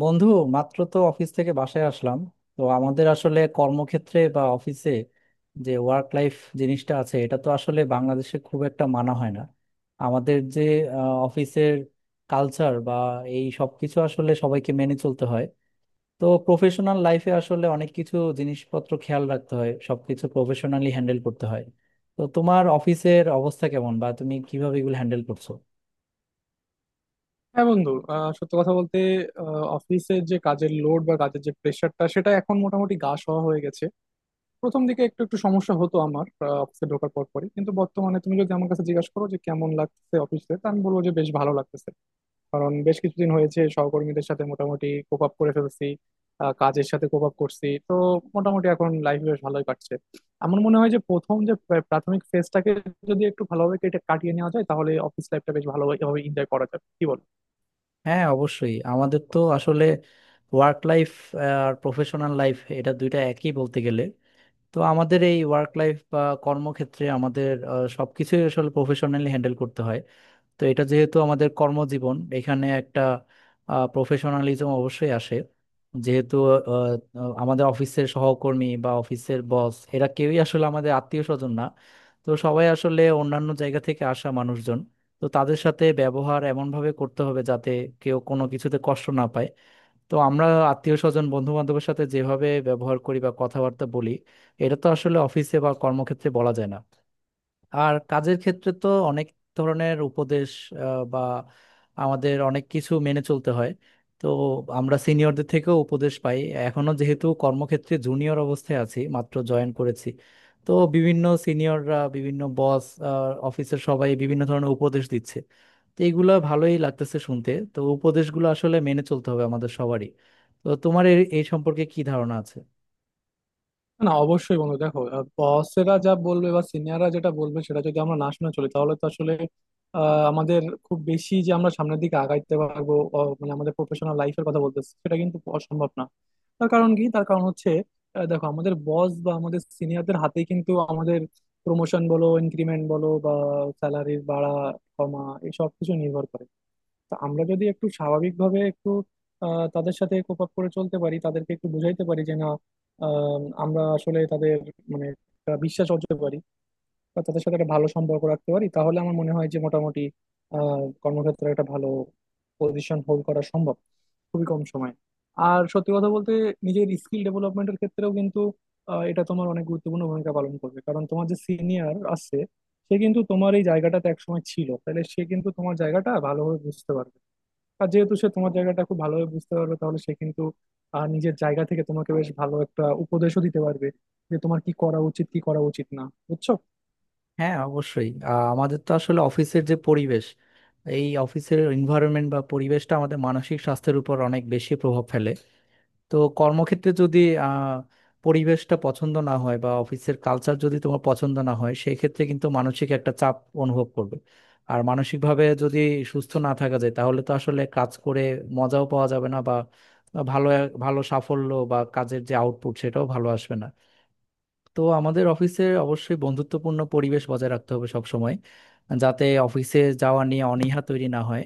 বন্ধু, মাত্র তো অফিস থেকে বাসায় আসলাম। তো আমাদের আসলে কর্মক্ষেত্রে বা অফিসে যে ওয়ার্ক লাইফ জিনিসটা আছে, এটা তো আসলে বাংলাদেশে খুব একটা মানা হয় না। আমাদের যে অফিসের কালচার বা এই সব কিছু আসলে সবাইকে মেনে চলতে হয়। তো প্রফেশনাল লাইফে আসলে অনেক কিছু জিনিসপত্র খেয়াল রাখতে হয়, সবকিছু প্রফেশনালি হ্যান্ডেল করতে হয়। তো তোমার অফিসের অবস্থা কেমন বা তুমি কিভাবে এগুলো হ্যান্ডেল করছো? হ্যাঁ বন্ধু, সত্য কথা বলতে অফিসের যে কাজের লোড বা কাজের যে প্রেশারটা সেটা এখন মোটামুটি গা সওয়া হয়ে গেছে। প্রথম দিকে একটু একটু সমস্যা হতো আমার অফিসে ঢোকার পর পরই, কিন্তু বর্তমানে তুমি যদি আমার কাছে জিজ্ঞাসা করো যে কেমন লাগছে অফিসে, তা আমি বলবো যে বেশ ভালো লাগতেছে। কারণ বেশ কিছুদিন হয়েছে সহকর্মীদের সাথে মোটামুটি কোপ আপ করে ফেলছি, কাজের সাথে কোপ আপ করছি, তো মোটামুটি এখন লাইফ বেশ ভালোই কাটছে। আমার মনে হয় যে প্রথম যে প্রাথমিক ফেজটাকে যদি একটু ভালোভাবে কাটিয়ে নেওয়া যায়, তাহলে অফিস লাইফটা বেশ ভালোভাবে এনজয় করা যাবে, কি বলো? হ্যাঁ, অবশ্যই আমাদের তো আসলে ওয়ার্ক লাইফ আর প্রফেশনাল লাইফ এটা দুইটা একই বলতে গেলে। তো আমাদের এই ওয়ার্ক লাইফ বা কর্মক্ষেত্রে আমাদের সবকিছুই আসলে প্রফেশনালি হ্যান্ডেল করতে হয়। তো এটা যেহেতু আমাদের কর্মজীবন, এখানে একটা প্রফেশনালিজম অবশ্যই আসে। যেহেতু আহ, আহ, আমাদের অফিসের সহকর্মী বা অফিসের বস এরা কেউই আসলে আমাদের আত্মীয় স্বজন না, তো সবাই আসলে অন্যান্য জায়গা থেকে আসা মানুষজন। তো তাদের সাথে ব্যবহার এমনভাবে করতে হবে যাতে কেউ কোনো কিছুতে কষ্ট না পায়। তো আমরা আত্মীয় স্বজন বন্ধু বান্ধবের সাথে যেভাবে ব্যবহার করি বা কথাবার্তা বলি, এটা তো আসলে অফিসে বা কর্মক্ষেত্রে বলা যায় না। আর কাজের ক্ষেত্রে তো অনেক ধরনের উপদেশ বা আমাদের অনেক কিছু মেনে চলতে হয়। তো আমরা সিনিয়রদের থেকেও উপদেশ পাই, এখনো যেহেতু কর্মক্ষেত্রে জুনিয়র অবস্থায় আছি, মাত্র জয়েন করেছি। তো বিভিন্ন সিনিয়ররা, বিভিন্ন বস, অফিসের সবাই বিভিন্ন ধরনের উপদেশ দিচ্ছে। তো এইগুলো ভালোই লাগতেছে শুনতে, তো উপদেশগুলো আসলে মেনে চলতে হবে আমাদের সবারই। তো তোমার এ এই সম্পর্কে কি ধারণা আছে? না, অবশ্যই বন্ধু দেখো, বসেরা যা বলবে বা সিনিয়ররা যেটা বলবে সেটা যদি আমরা না শুনে চলি তাহলে তো আসলে আমাদের খুব বেশি যে আমরা সামনের দিকে আগাইতে পারবো, মানে আমাদের প্রফেশনাল লাইফের কথা বলতেছি, সেটা কিন্তু অসম্ভব না। তার কারণ কি? তার কারণ হচ্ছে দেখো, আমাদের বস বা আমাদের সিনিয়রদের হাতেই কিন্তু আমাদের প্রমোশন বলো, ইনক্রিমেন্ট বলো, বা স্যালারির বাড়া কমা, এই সব কিছু নির্ভর করে। তো আমরা যদি একটু স্বাভাবিকভাবে একটু তাদের সাথে কোপ আপ করে চলতে পারি, তাদেরকে একটু বোঝাইতে পারি যে না, আমরা আসলে তাদের মানে একটা বিশ্বাস অর্জন করতে পারি বা তাদের সাথে একটা ভালো সম্পর্ক রাখতে পারি, তাহলে আমার মনে হয় যে মোটামুটি কর্মক্ষেত্রে একটা ভালো পজিশন হোল্ড করা সম্ভব খুবই কম সময়ে। আর সত্যি কথা বলতে নিজের স্কিল ডেভেলপমেন্টের ক্ষেত্রেও কিন্তু এটা তোমার অনেক গুরুত্বপূর্ণ ভূমিকা পালন করবে। কারণ তোমার যে সিনিয়র আছে সে কিন্তু তোমার এই জায়গাটাতে একসময় ছিল, তাহলে সে কিন্তু তোমার জায়গাটা ভালোভাবে বুঝতে পারবে। আর যেহেতু সে তোমার জায়গাটা খুব ভালোভাবে বুঝতে পারবে, তাহলে সে কিন্তু নিজের জায়গা থেকে তোমাকে বেশ ভালো একটা উপদেশও দিতে পারবে যে তোমার কি করা উচিত, কি করা উচিত না। বুঝছো? হ্যাঁ, অবশ্যই। আমাদের তো আসলে অফিসের যে পরিবেশ, এই অফিসের এনভায়রনমেন্ট বা পরিবেশটা আমাদের মানসিক স্বাস্থ্যের উপর অনেক বেশি প্রভাব ফেলে। তো কর্মক্ষেত্রে যদি আহ, পরিবেশটা পছন্দ না হয় বা অফিসের কালচার যদি তোমার পছন্দ না হয়, সেই ক্ষেত্রে কিন্তু মানসিক একটা চাপ অনুভব করবে। আর মানসিকভাবে যদি সুস্থ না থাকা যায় তাহলে তো আসলে কাজ করে মজাও পাওয়া যাবে না, বা বা ভালো ভালো সাফল্য বা কাজের যে আউটপুট সেটাও ভালো আসবে না। তো আমাদের অফিসে অবশ্যই বন্ধুত্বপূর্ণ পরিবেশ বজায় রাখতে হবে সব সময়, যাতে অফিসে যাওয়া নিয়ে অনীহা তৈরি না হয়,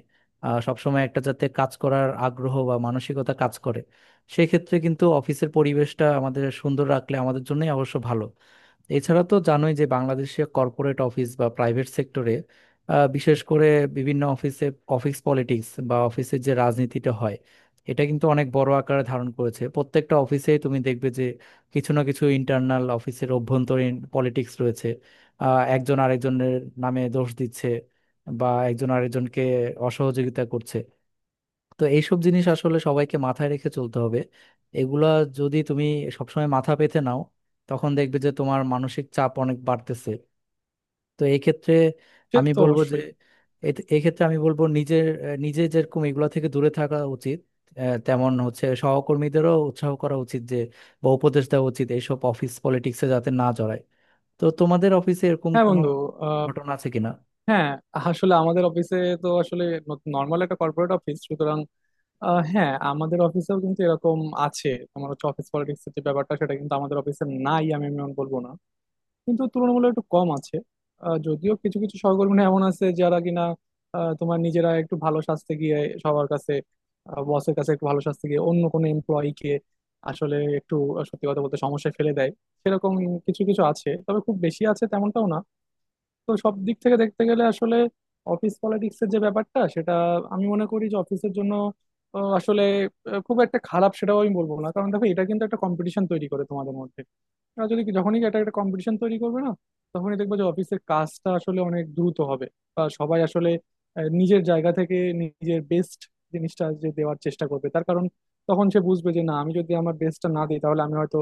সব সময় একটা যাতে কাজ করার আগ্রহ বা মানসিকতা কাজ করে। সেক্ষেত্রে কিন্তু অফিসের পরিবেশটা আমাদের সুন্দর রাখলে আমাদের জন্যই অবশ্য ভালো। এছাড়া তো জানোই যে বাংলাদেশে কর্পোরেট অফিস বা প্রাইভেট সেক্টরে, বিশেষ করে বিভিন্ন অফিসে, অফিস পলিটিক্স বা অফিসের যে রাজনীতিটা হয় এটা কিন্তু অনেক বড় আকারে ধারণ করেছে। প্রত্যেকটা অফিসে তুমি দেখবে কিছু না কিছু ইন্টারনাল অফিসের অভ্যন্তরীণ পলিটিক্স রয়েছে। একজন আরেকজনের নামে দোষ দিচ্ছে বা একজন আরেকজনকে অসহযোগিতা করছে। তো এইসব জিনিস আসলে সবাইকে মাথায় রেখে চলতে হবে। এগুলা যদি তুমি সবসময় মাথা পেতে নাও, তখন দেখবে যে তোমার মানসিক চাপ অনেক বাড়তেছে। তো এই ক্ষেত্রে সে আমি তো বলবো যে অবশ্যই। এ- এই ক্ষেত্রে আমি বলবো নিজের আহ, নিজে যেরকম এগুলা থেকে দূরে থাকা উচিত, তেমন হচ্ছে সহকর্মীদেরও উৎসাহ করা উচিত যে বা উপদেশ দেওয়া উচিত এইসব অফিস পলিটিক্সে যাতে না জড়ায়। তো তোমাদের অফিসে এরকম হ্যাঁ কোনো বন্ধু, আহ, ঘটনা আছে কিনা? হ্যাঁ, আসলে আমাদের অফিসে তো আসলে নর্মাল একটা কর্পোরেট অফিস, সুতরাং হ্যাঁ, আমাদের অফিসেও কিন্তু এরকম আছে। তোমার হচ্ছে অফিস পলিটিক্স এর যে ব্যাপারটা, সেটা কিন্তু আমাদের অফিসে নাই আমি এমন বলবো না, কিন্তু তুলনামূলক একটু কম আছে। যদিও কিছু কিছু সহকর্মী এমন আছে যারা কিনা তোমার নিজেরা একটু ভালো সাজতে গিয়ে সবার কাছে, বসের কাছে একটু ভালো সাজতে গিয়ে অন্য কোনো এমপ্লয়িকে আসলে একটু সত্যি কথা বলতে সমস্যায় ফেলে দেয়। সেরকম কিছু কিছু আছে, তবে খুব বেশি আছে তেমনটাও না। তো সব দিক থেকে দেখতে গেলে আসলে অফিস পলিটিক্সের যে ব্যাপারটা সেটা আমি মনে করি যে অফিসের জন্য আহ, আসলে খুব একটা খারাপ সেটাও আমি বলবো না। কারণ দেখো, এটা কিন্তু একটা কম্পিটিশন তৈরি করে তোমাদের মধ্যে। আর যদি যখনই একটা একটা কম্পিটিশন তৈরি করবে না, তখনই দেখবে যে অফিসের কাজটা আসলে অনেক দ্রুত হবে। বা সবাই আসলে নিজের জায়গা থেকে নিজের বেস্ট জিনিসটা যে দেওয়ার চেষ্টা করবে, তার কারণ তখন সে বুঝবে যে না, আমি যদি আমার বেস্টটা না দিই তাহলে আমি হয়তো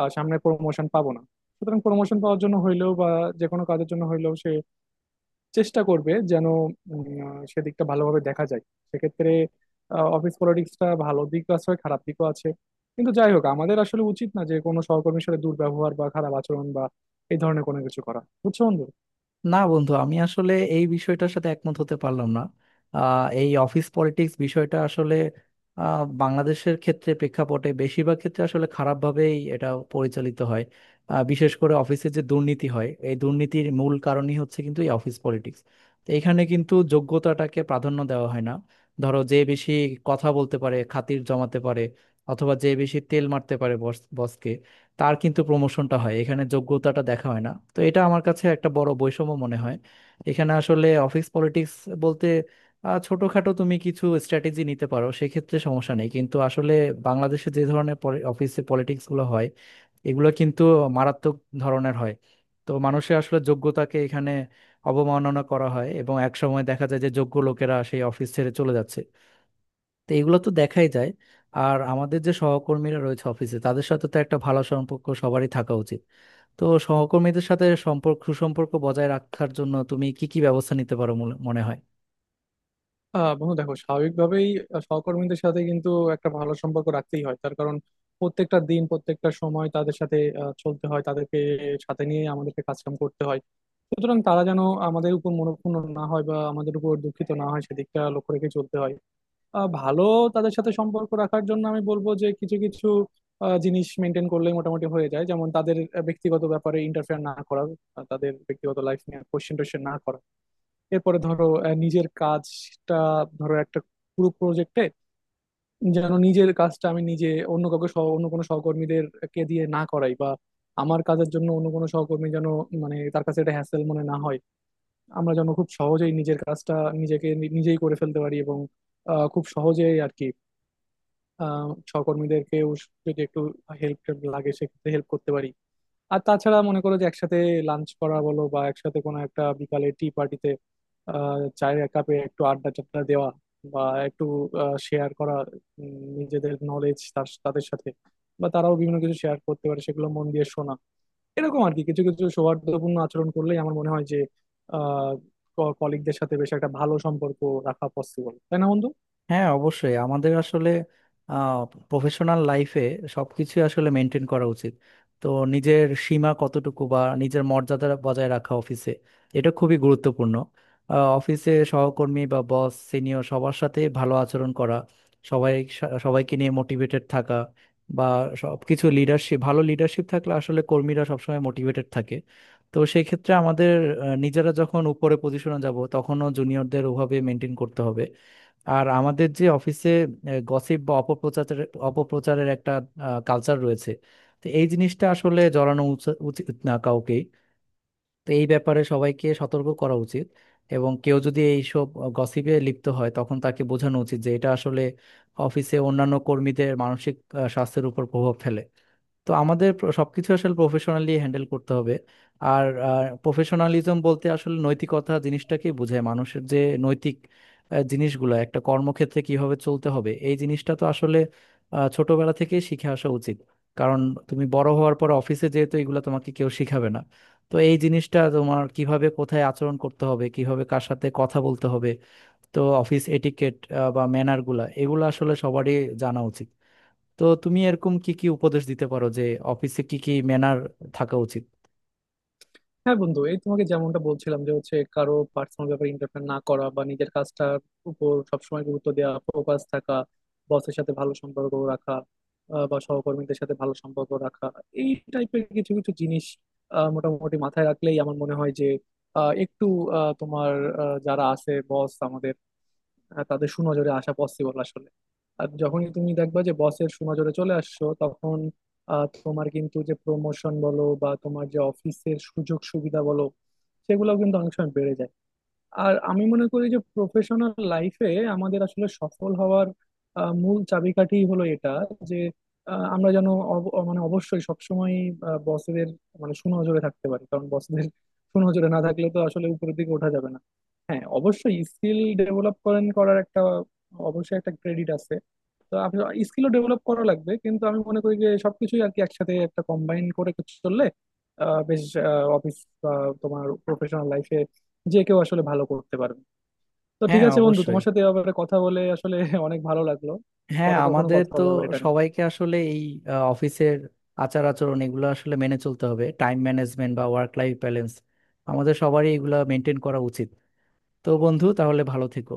সামনে প্রমোশন পাবো না। সুতরাং প্রমোশন পাওয়ার জন্য হইলেও বা যে কোনো কাজের জন্য হইলেও সে চেষ্টা করবে যেন সেদিকটা ভালোভাবে দেখা যায়। সেক্ষেত্রে অফিস পলিটিক্সটা ভালো দিক আছে, খারাপ দিকও আছে। কিন্তু যাই হোক, আমাদের আসলে উচিত না যে কোনো সহকর্মীর সাথে দুর্ব্যবহার বা খারাপ আচরণ বা এই ধরনের কোনো কিছু করা। বুঝছো বন্ধু? না বন্ধু, আমি আসলে এই বিষয়টার সাথে একমত হতে পারলাম না। এই অফিস পলিটিক্স বিষয়টা আসলে বাংলাদেশের ক্ষেত্রে প্রেক্ষাপটে বেশিরভাগ ক্ষেত্রে আসলে খারাপভাবেই এটা পরিচালিত হয়। বিশেষ করে অফিসে যে দুর্নীতি হয়, এই দুর্নীতির মূল কারণই হচ্ছে কিন্তু এই অফিস পলিটিক্স। তো এখানে কিন্তু যোগ্যতাটাকে প্রাধান্য দেওয়া হয় না। ধরো, যে বেশি কথা বলতে পারে, খাতির জমাতে পারে, অথবা যে বেশি তেল মারতে পারে বস বসকে, তার কিন্তু প্রমোশনটা হয়, এখানে যোগ্যতাটা দেখা হয় না। তো এটা আমার কাছে একটা বড় বৈষম্য মনে হয়। এখানে আসলে অফিস পলিটিক্স বলতে ছোটখাটো তুমি কিছু স্ট্র্যাটেজি নিতে পারো, সেক্ষেত্রে সমস্যা নেই, কিন্তু আসলে বাংলাদেশে যে ধরনের অফিসে পলিটিক্স গুলো হয় এগুলো কিন্তু মারাত্মক ধরনের হয়। তো মানুষের আসলে যোগ্যতাকে এখানে অবমাননা করা হয় এবং একসময় দেখা যায় যে যোগ্য লোকেরা সেই অফিস ছেড়ে চলে যাচ্ছে। তো এগুলো তো দেখাই যায়। আর আমাদের যে সহকর্মীরা রয়েছে অফিসে তাদের সাথে তো একটা ভালো সম্পর্ক সবারই থাকা উচিত। তো সহকর্মীদের সাথে সম্পর্ক সুসম্পর্ক বজায় রাখার জন্য তুমি কি কি ব্যবস্থা নিতে পারো মনে মনে হয়? বন্ধু দেখো, স্বাভাবিকভাবেই সহকর্মীদের সাথে কিন্তু একটা ভালো সম্পর্ক রাখতেই হয়। তার কারণ প্রত্যেকটা দিন, প্রত্যেকটা সময় তাদের সাথে চলতে হয়, তাদেরকে সাথে নিয়ে আমাদেরকে কাজকাম করতে হয়। সুতরাং তারা যেন আমাদের উপর মনোক্ষুণ্ণ না হয় বা আমাদের উপর দুঃখিত না হয়, সেদিকটা লক্ষ্য রেখে চলতে হয়। ভালো তাদের সাথে সম্পর্ক রাখার জন্য আমি বলবো যে কিছু কিছু জিনিস মেনটেন করলে মোটামুটি হয়ে যায়। যেমন তাদের ব্যক্তিগত ব্যাপারে ইন্টারফেয়ার না করা, তাদের ব্যক্তিগত লাইফ নিয়ে কোশ্চেন টোশ্চেন না করা, এরপরে ধরো নিজের কাজটা, ধরো একটা পুরো প্রজেক্টে যেন নিজের কাজটা আমি নিজে, অন্য কাউকে সহ অন্য কোনো সহকর্মীদের কে দিয়ে না করাই, বা আমার কাজের জন্য অন্য কোনো সহকর্মী যেন মানে তার কাছে এটা হ্যাসেল মনে না হয়, আমরা যেন খুব সহজেই নিজের কাজটা নিজেই করে ফেলতে পারি এবং খুব সহজেই আর কি। সহকর্মীদেরকেও যদি একটু হেল্প লাগে সেক্ষেত্রে হেল্প করতে পারি। আর তাছাড়া মনে করো যে একসাথে লাঞ্চ করা বলো, বা একসাথে কোনো একটা বিকালে টি পার্টিতে চায়ের এক কাপে একটু আড্ডা টাড্ডা দেওয়া, বা একটু শেয়ার করা নিজেদের নলেজ তাদের সাথে, বা তারাও বিভিন্ন কিছু শেয়ার করতে পারে সেগুলো মন দিয়ে শোনা, এরকম আর কি কিছু কিছু সৌহার্দ্যপূর্ণ আচরণ করলেই আমার মনে হয় যে আহ কলিগদের সাথে বেশ একটা ভালো সম্পর্ক রাখা পসিবল। তাই না বন্ধু? হ্যাঁ, অবশ্যই আমাদের আসলে প্রফেশনাল লাইফে সবকিছু আসলে মেনটেন করা উচিত। তো নিজের সীমা কতটুকু বা নিজের মর্যাদা বজায় রাখা অফিসে, এটা খুবই গুরুত্বপূর্ণ। অফিসে সহকর্মী বা বস সিনিয়র সবার সাথে ভালো আচরণ করা, সবাই সবাইকে নিয়ে মোটিভেটেড থাকা, বা সবকিছু লিডারশিপ, ভালো লিডারশিপ থাকলে আসলে কর্মীরা সবসময় মোটিভেটেড থাকে। তো সেই ক্ষেত্রে আমাদের নিজেরা যখন উপরে পজিশনে যাব তখনও জুনিয়রদের ওভাবে মেনটেন করতে হবে। আর আমাদের যে অফিসে গসিপ বা অপপ্রচারের অপপ্রচারের একটা কালচার রয়েছে, তো এই জিনিসটা আসলে জড়ানো উচিত না কাউকেই। তো এই ব্যাপারে সবাইকে সতর্ক করা উচিত এবং কেউ যদি এইসব গসিপে লিপ্ত হয় তখন তাকে বোঝানো উচিত যে এটা আসলে অফিসে অন্যান্য কর্মীদের মানসিক স্বাস্থ্যের উপর প্রভাব ফেলে। তো আমাদের সবকিছু আসলে প্রফেশনালি হ্যান্ডেল করতে হবে। আর প্রফেশনালিজম বলতে আসলে নৈতিকতা জিনিসটাকে বোঝায়, মানুষের যে নৈতিক জিনিসগুলো একটা কর্মক্ষেত্রে কিভাবে চলতে হবে, এই জিনিসটা তো আসলে ছোটবেলা থেকে শিখে আসা উচিত। কারণ তুমি বড় হওয়ার পর অফিসে যেহেতু এগুলো তোমাকে কেউ শিখাবে না, তো এই জিনিসটা তোমার কিভাবে কোথায় আচরণ করতে হবে, কিভাবে কার সাথে কথা বলতে হবে, তো অফিস এটিকেট বা ম্যানারগুলা এগুলো আসলে সবারই জানা উচিত। তো তুমি এরকম কি কি উপদেশ দিতে পারো যে অফিসে কি কি ম্যানার থাকা উচিত? হ্যাঁ বন্ধু, এই তোমাকে যেমনটা বলছিলাম যে হচ্ছে কারো পার্সোনাল ব্যাপারে ইন্টারফেয়ার না করা, বা নিজের কাজটার উপর সবসময় গুরুত্ব দেওয়া, ফোকাস থাকা, বসের সাথে ভালো সম্পর্ক রাখা, বা সহকর্মীদের সাথে ভালো সম্পর্ক রাখা, এই টাইপের কিছু কিছু জিনিস মোটামুটি মাথায় রাখলেই আমার মনে হয় যে আহ, একটু আহ, তোমার আহ, যারা আছে বস আমাদের, তাদের সুনজরে আসা পসিবল আসলে। আর যখনই তুমি দেখবা যে বসের সুনজরে চলে আসছো, তখন তোমার কিন্তু যে প্রমোশন বলো বা তোমার যে অফিসের সুযোগ সুবিধা বলো, সেগুলো কিন্তু অনেক সময় বেড়ে যায়। আর আমি মনে করি যে প্রফেশনাল লাইফে আমাদের আসলে সফল হওয়ার মূল চাবিকাঠি হলো এটা, যে আমরা যেন মানে অবশ্যই সবসময় বসেদের মানে সুনজরে থাকতে পারি। কারণ বসদের সুনজরে না থাকলে তো আসলে উপরের দিকে ওঠা যাবে না। হ্যাঁ অবশ্যই স্কিল ডেভেলপ করেন করার একটা, অবশ্যই একটা ক্রেডিট আছে। তো আপনি স্কিলও ডেভেলপ করা লাগবে, কিন্তু আমি মনে করি যে সবকিছুই আর কি একসাথে একটা কম্বাইন করে চললে বেশ অফিস বা তোমার প্রফেশনাল লাইফে যে কেউ আসলে ভালো করতে পারবে। তো ঠিক হ্যাঁ, আছে বন্ধু, অবশ্যই। তোমার সাথে এ ব্যাপারে কথা বলে আসলে অনেক ভালো লাগলো। হ্যাঁ, পরে কখনো আমাদের কথা তো হবে আবার এটা নিয়ে। সবাইকে আসলে এই অফিসের আচার আচরণ এগুলো আসলে মেনে চলতে হবে, টাইম ম্যানেজমেন্ট বা ওয়ার্ক লাইফ ব্যালেন্স আমাদের সবারই এগুলো মেনটেন করা উচিত। তো বন্ধু, তাহলে ভালো থেকো।